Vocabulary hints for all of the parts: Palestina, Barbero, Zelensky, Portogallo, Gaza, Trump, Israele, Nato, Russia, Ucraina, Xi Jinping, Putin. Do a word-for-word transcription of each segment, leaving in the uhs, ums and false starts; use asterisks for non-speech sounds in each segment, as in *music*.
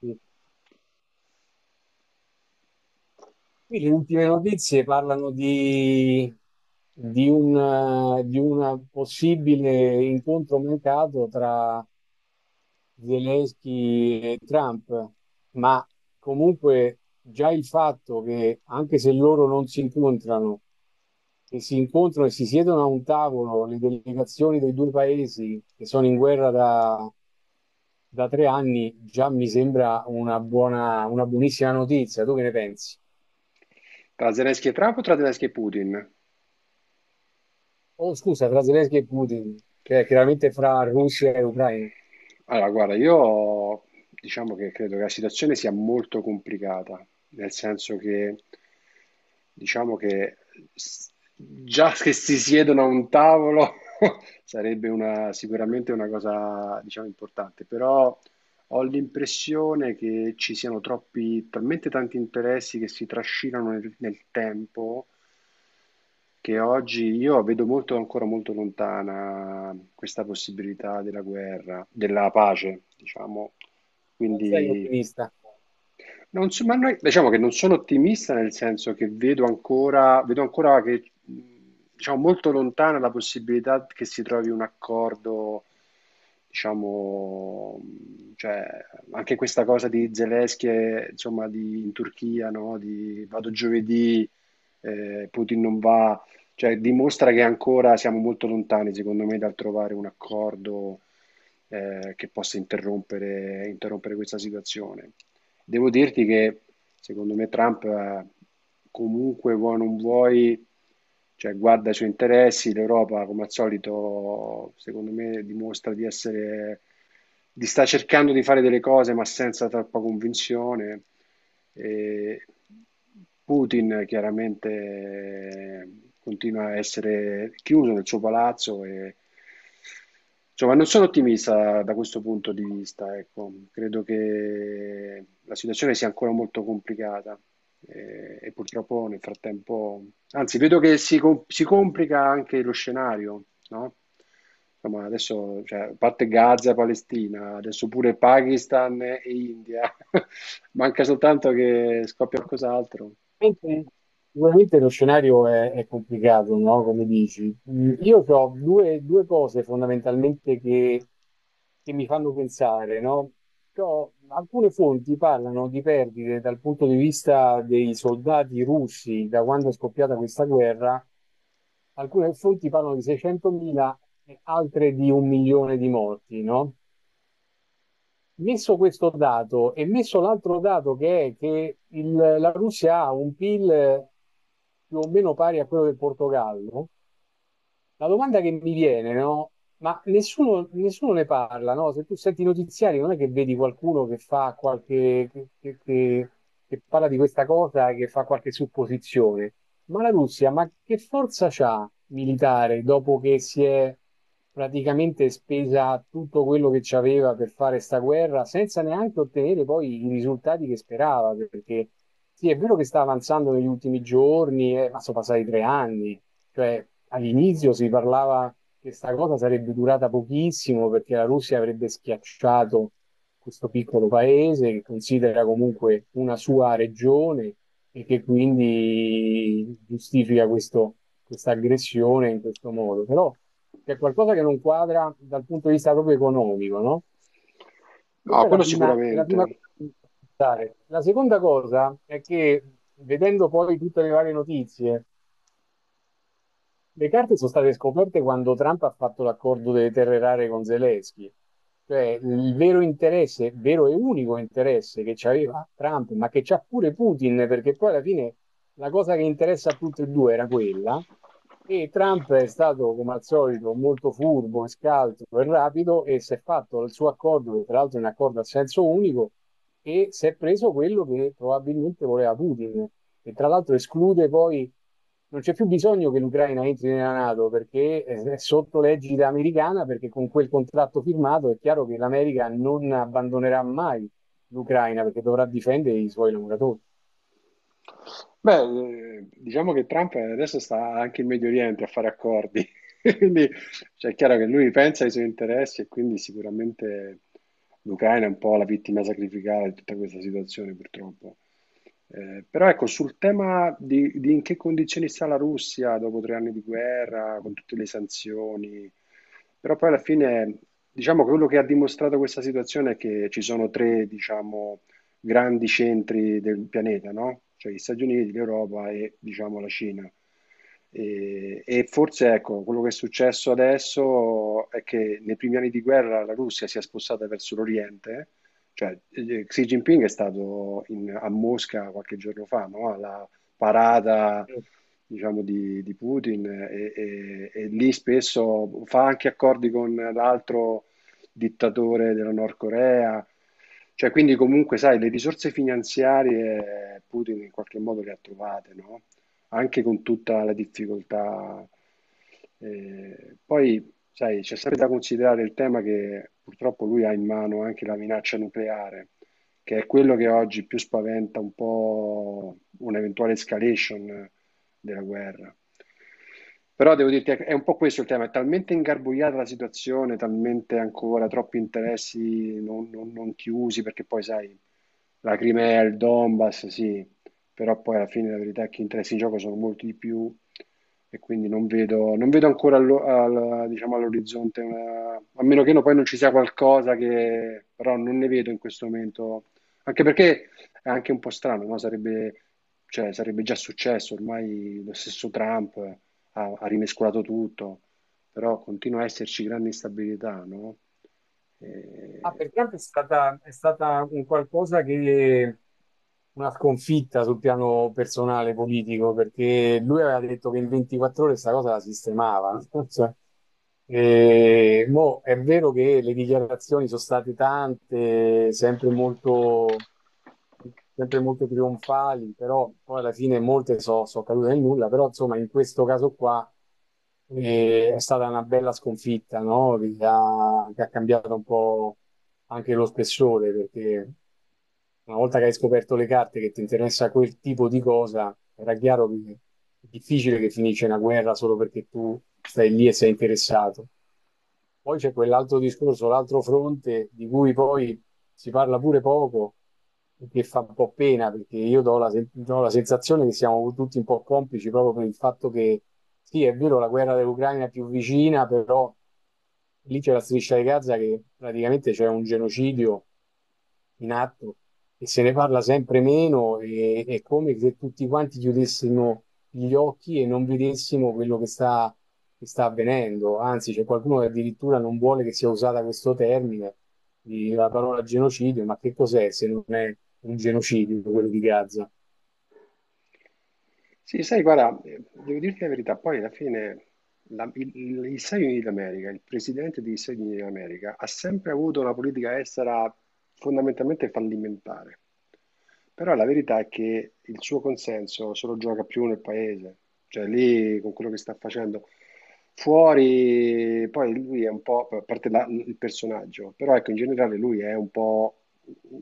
Sì. Qui le ultime notizie parlano di, di un, eh, di un possibile incontro mancato tra Zelensky e Trump, ma comunque già il fatto che, anche se loro non si incontrano, che si incontrano e si siedono a un tavolo le delegazioni dei due paesi che sono in guerra da, da tre anni, già mi sembra una buona, una buonissima notizia. Tu che ne pensi? Tra Zelensky e Trump o tra Zelensky e Putin? Oh, scusa, tra Zelensky e Putin, cioè chiaramente fra Russia e Ucraina. Allora, guarda, io diciamo che credo che la situazione sia molto complicata, nel senso che diciamo che s- già che si siedono a un tavolo *laughs* sarebbe una- sicuramente una cosa, diciamo, importante, però ho l'impressione che ci siano troppi, talmente tanti interessi che si trascinano nel, nel tempo, che oggi io vedo molto, ancora molto lontana questa possibilità della guerra, della pace, diciamo. Non sei Quindi ottimista. non so- ma noi- diciamo che non sono ottimista, nel senso che vedo ancora, vedo ancora che, mh, diciamo, molto lontana la possibilità che si trovi un accordo, diciamo, mh, cioè, anche questa cosa di Zelensky, e, insomma, di, in Turchia, no? Di vado giovedì, eh, Putin non va, cioè, dimostra che ancora siamo molto lontani, secondo me, dal trovare un accordo, eh, che possa interrompere interrompere questa situazione. Devo dirti che secondo me Trump eh, comunque vuoi o non vuoi, cioè guarda i suoi interessi, l'Europa come al solito secondo me dimostra di essere, di sta cercando di fare delle cose ma senza troppa convinzione. E Putin chiaramente eh, continua a essere chiuso nel suo palazzo e Insomma, non sono ottimista da questo punto di vista, ecco. Credo che la situazione sia ancora molto complicata eh, e, purtroppo nel frattempo, anzi, vedo che si, com- si complica anche lo scenario, no? Insomma, adesso, cioè, a parte Gaza e Palestina, adesso pure Pakistan e India, *laughs* manca soltanto che scoppia qualcos'altro. Mentre sicuramente lo scenario è, è complicato, no? Come dici. Mm, io ho due, due cose fondamentalmente che, che mi fanno pensare, no? C'ho- alcune fonti parlano di perdite dal punto di vista dei soldati russi da quando è scoppiata questa guerra, alcune fonti parlano di seicentomila e altre di un milione di morti, no? Messo questo dato e messo l'altro dato che è che il- la Russia ha un P I L più o meno pari a quello del Portogallo, la domanda che mi viene, no? Ma nessuno, nessuno ne parla, no? Se tu senti i notiziari, non è che vedi qualcuno che fa qualche, che, che- che- che parla di questa cosa, che fa qualche supposizione. Ma la Russia, ma che forza c'ha militare dopo che si è praticamente spesa tutto quello che c'aveva per fare sta guerra, senza neanche ottenere poi i risultati che sperava? Perché sì, è vero che sta avanzando negli ultimi giorni, eh, ma sono passati tre anni. Cioè, all'inizio si parlava che questa cosa sarebbe durata pochissimo perché la Russia avrebbe schiacciato questo piccolo paese che considera comunque una sua regione e che quindi giustifica questo- questa aggressione in questo modo. Però c'è qualcosa che non quadra dal punto di vista proprio economico, no? No, Questa è la quello prima, è la prima sicuramente. cosa che mi fa pensare. La seconda cosa è che, vedendo poi tutte le varie notizie, le carte sono state scoperte quando Trump ha fatto l'accordo delle terre rare con Zelensky. Cioè, il vero interesse, vero e unico interesse che c'aveva Trump, ma che c'ha pure Putin, perché poi alla fine la cosa che interessa a tutti e due era quella. E Trump è stato, come al solito, molto furbo, e scaltro e rapido e si è fatto il suo accordo, che tra l'altro è un accordo a senso unico, e si è preso quello che probabilmente voleva Putin, e tra l'altro esclude poi, non c'è più bisogno che l'Ucraina entri nella NATO perché è sotto l'egida americana, perché con quel contratto firmato è chiaro che l'America non abbandonerà mai l'Ucraina perché dovrà difendere i suoi lavoratori. Beh, eh, diciamo che Trump adesso sta anche in Medio Oriente a fare accordi, *laughs* quindi cioè, è chiaro che lui pensa ai suoi interessi e quindi sicuramente l'Ucraina è un po' la vittima sacrificale di tutta questa situazione, purtroppo. Eh, però ecco, sul tema di, di in che condizioni sta la Russia dopo tre anni di guerra, con tutte le sanzioni, però poi alla fine diciamo che quello che ha dimostrato questa situazione è che ci sono tre, diciamo, grandi centri del pianeta, no? Cioè, gli Stati Uniti, l'Europa e diciamo la Cina. E, e forse ecco, quello che è successo adesso è che nei primi anni di guerra la Russia si è spostata verso l'Oriente, cioè eh, Xi Jinping è stato in- a Mosca qualche giorno fa, no? Alla parata, diciamo, di, di Putin, eh, e, e- e lì spesso fa anche accordi con l'altro dittatore della Nord Corea. Cioè, quindi comunque, sai, le risorse finanziarie Putin in qualche modo le ha trovate, no? Anche con tutta la difficoltà. Eh, poi, sai, c'è sempre da considerare il tema che purtroppo lui ha in mano anche la minaccia nucleare, che è quello che oggi più spaventa, un po' un'eventuale escalation della guerra. Però devo dirti, è un po' questo il tema, è talmente ingarbugliata la situazione, talmente ancora troppi interessi non, non- non chiusi, perché poi sai, la Crimea, il Donbass, sì, però poi alla fine la verità è che gli interessi in gioco sono molti di più, e quindi non vedo, non vedo ancora allo- al- diciamo, all'orizzonte, una- a meno che no, poi non ci sia qualcosa, che però non ne vedo in questo momento, anche perché è anche un po' strano, no? Sarebbe cioè sarebbe già successo, ormai lo stesso Trump eh, ha, ha rimescolato tutto, però continua a esserci grande instabilità, no? Ah, Eh, per quanto è stata, è stata un qualcosa che una sconfitta sul piano personale politico, perché lui aveva detto che in ventiquattro ore questa cosa la sistemava. *laughs* Cioè, eh, mo, è vero che le dichiarazioni sono state tante, sempre molto sempre molto trionfali, però poi alla fine molte sono cadute nel nulla, però insomma in questo caso qua, eh, è stata una bella sconfitta, no? Che ha, che ha cambiato un po' anche lo spessore, perché una volta che hai scoperto le carte che ti interessa quel tipo di cosa, era chiaro che è difficile che finisce una guerra solo perché tu stai lì e sei interessato. Poi c'è quell'altro discorso, l'altro fronte di cui poi si parla pure poco e che fa un po' pena perché io do la, sen- do la sensazione che siamo tutti un po' complici proprio per il fatto che sì, è vero, la guerra dell'Ucraina è più vicina, però lì c'è la striscia di Gaza che praticamente c'è un genocidio in atto e se ne parla sempre meno e è come se tutti quanti chiudessimo gli occhi e non vedessimo quello che sta, che sta avvenendo. Anzi, c'è qualcuno che addirittura non vuole che sia usata questo termine, di- la parola genocidio, ma che cos'è se non è un genocidio quello di Gaza? sì, sai, guarda, eh, devo dirti la verità, poi alla fine la- il- il- gli Stati Uniti d'America, il presidente degli Stati Uniti d'America, ha sempre avuto una politica estera fondamentalmente fallimentare. Però la verità è che il suo consenso se lo gioca più nel paese, cioè lì con quello che sta facendo. Fuori, poi lui è un po', a parte la- il personaggio, però ecco, in generale lui è un po'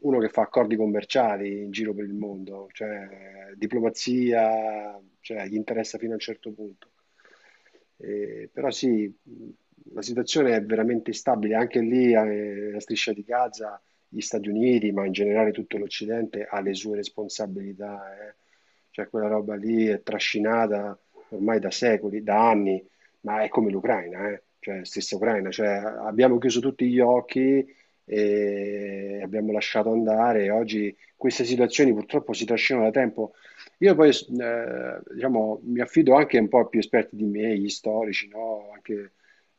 uno che fa accordi commerciali in giro per il mondo, cioè diplomazia, cioè, gli interessa fino a un certo punto. Eh, però sì, la situazione è veramente instabile, anche lì eh, la striscia di Gaza, gli Stati Uniti, ma in generale tutto l'Occidente, ha le sue responsabilità. eh. Cioè, quella roba lì è trascinata ormai da secoli, da anni, ma è come l'Ucraina, eh. Cioè, stessa Ucraina, cioè abbiamo chiuso tutti gli occhi e abbiamo lasciato andare. Oggi queste situazioni purtroppo si trascinano da tempo. Io poi, eh, diciamo, mi affido anche un po' a più esperti di me, gli storici, no? Anche,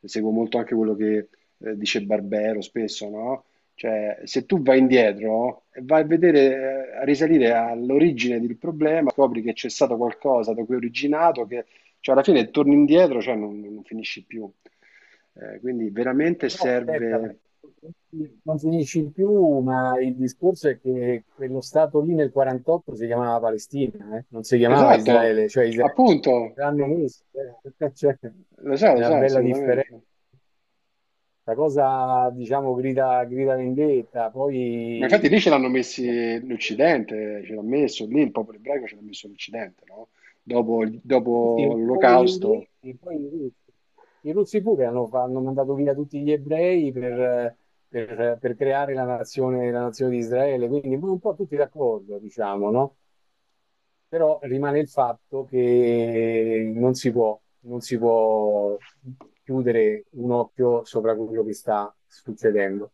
seguo molto anche quello che eh, dice Barbero spesso, no? Cioè, se tu vai indietro e vai a vedere, eh, a risalire all'origine del problema, scopri che c'è stato qualcosa da cui è originato, che cioè, alla fine torni indietro, cioè non, non finisci più. Eh, quindi Eh, veramente Però aspetta, serve. perché non finisci più, ma il discorso è che quello stato lì nel quarantotto si chiamava Palestina, eh, non si chiamava Esatto, Israele, cioè Israele appunto, l'hanno messo, eh, *laughs* cioè, lo so, è lo una so, bella differenza. assolutamente. La cosa, diciamo, grida, grida vendetta, Ma poi infatti lì ce l'hanno messi l'Occidente, ce l'ha messo lì, il popolo ebraico ce l'ha messo l'Occidente, no? Dopo, sì, sì, dopo un po' gli l'Olocausto inglesi, poi i russi. I russi pure hanno, hanno mandato via tutti gli ebrei per, per- per creare la nazione, la nazione di Israele, quindi un po' tutti d'accordo, diciamo, no? Però rimane il fatto che non si può, non si può chiudere un occhio sopra quello che sta succedendo.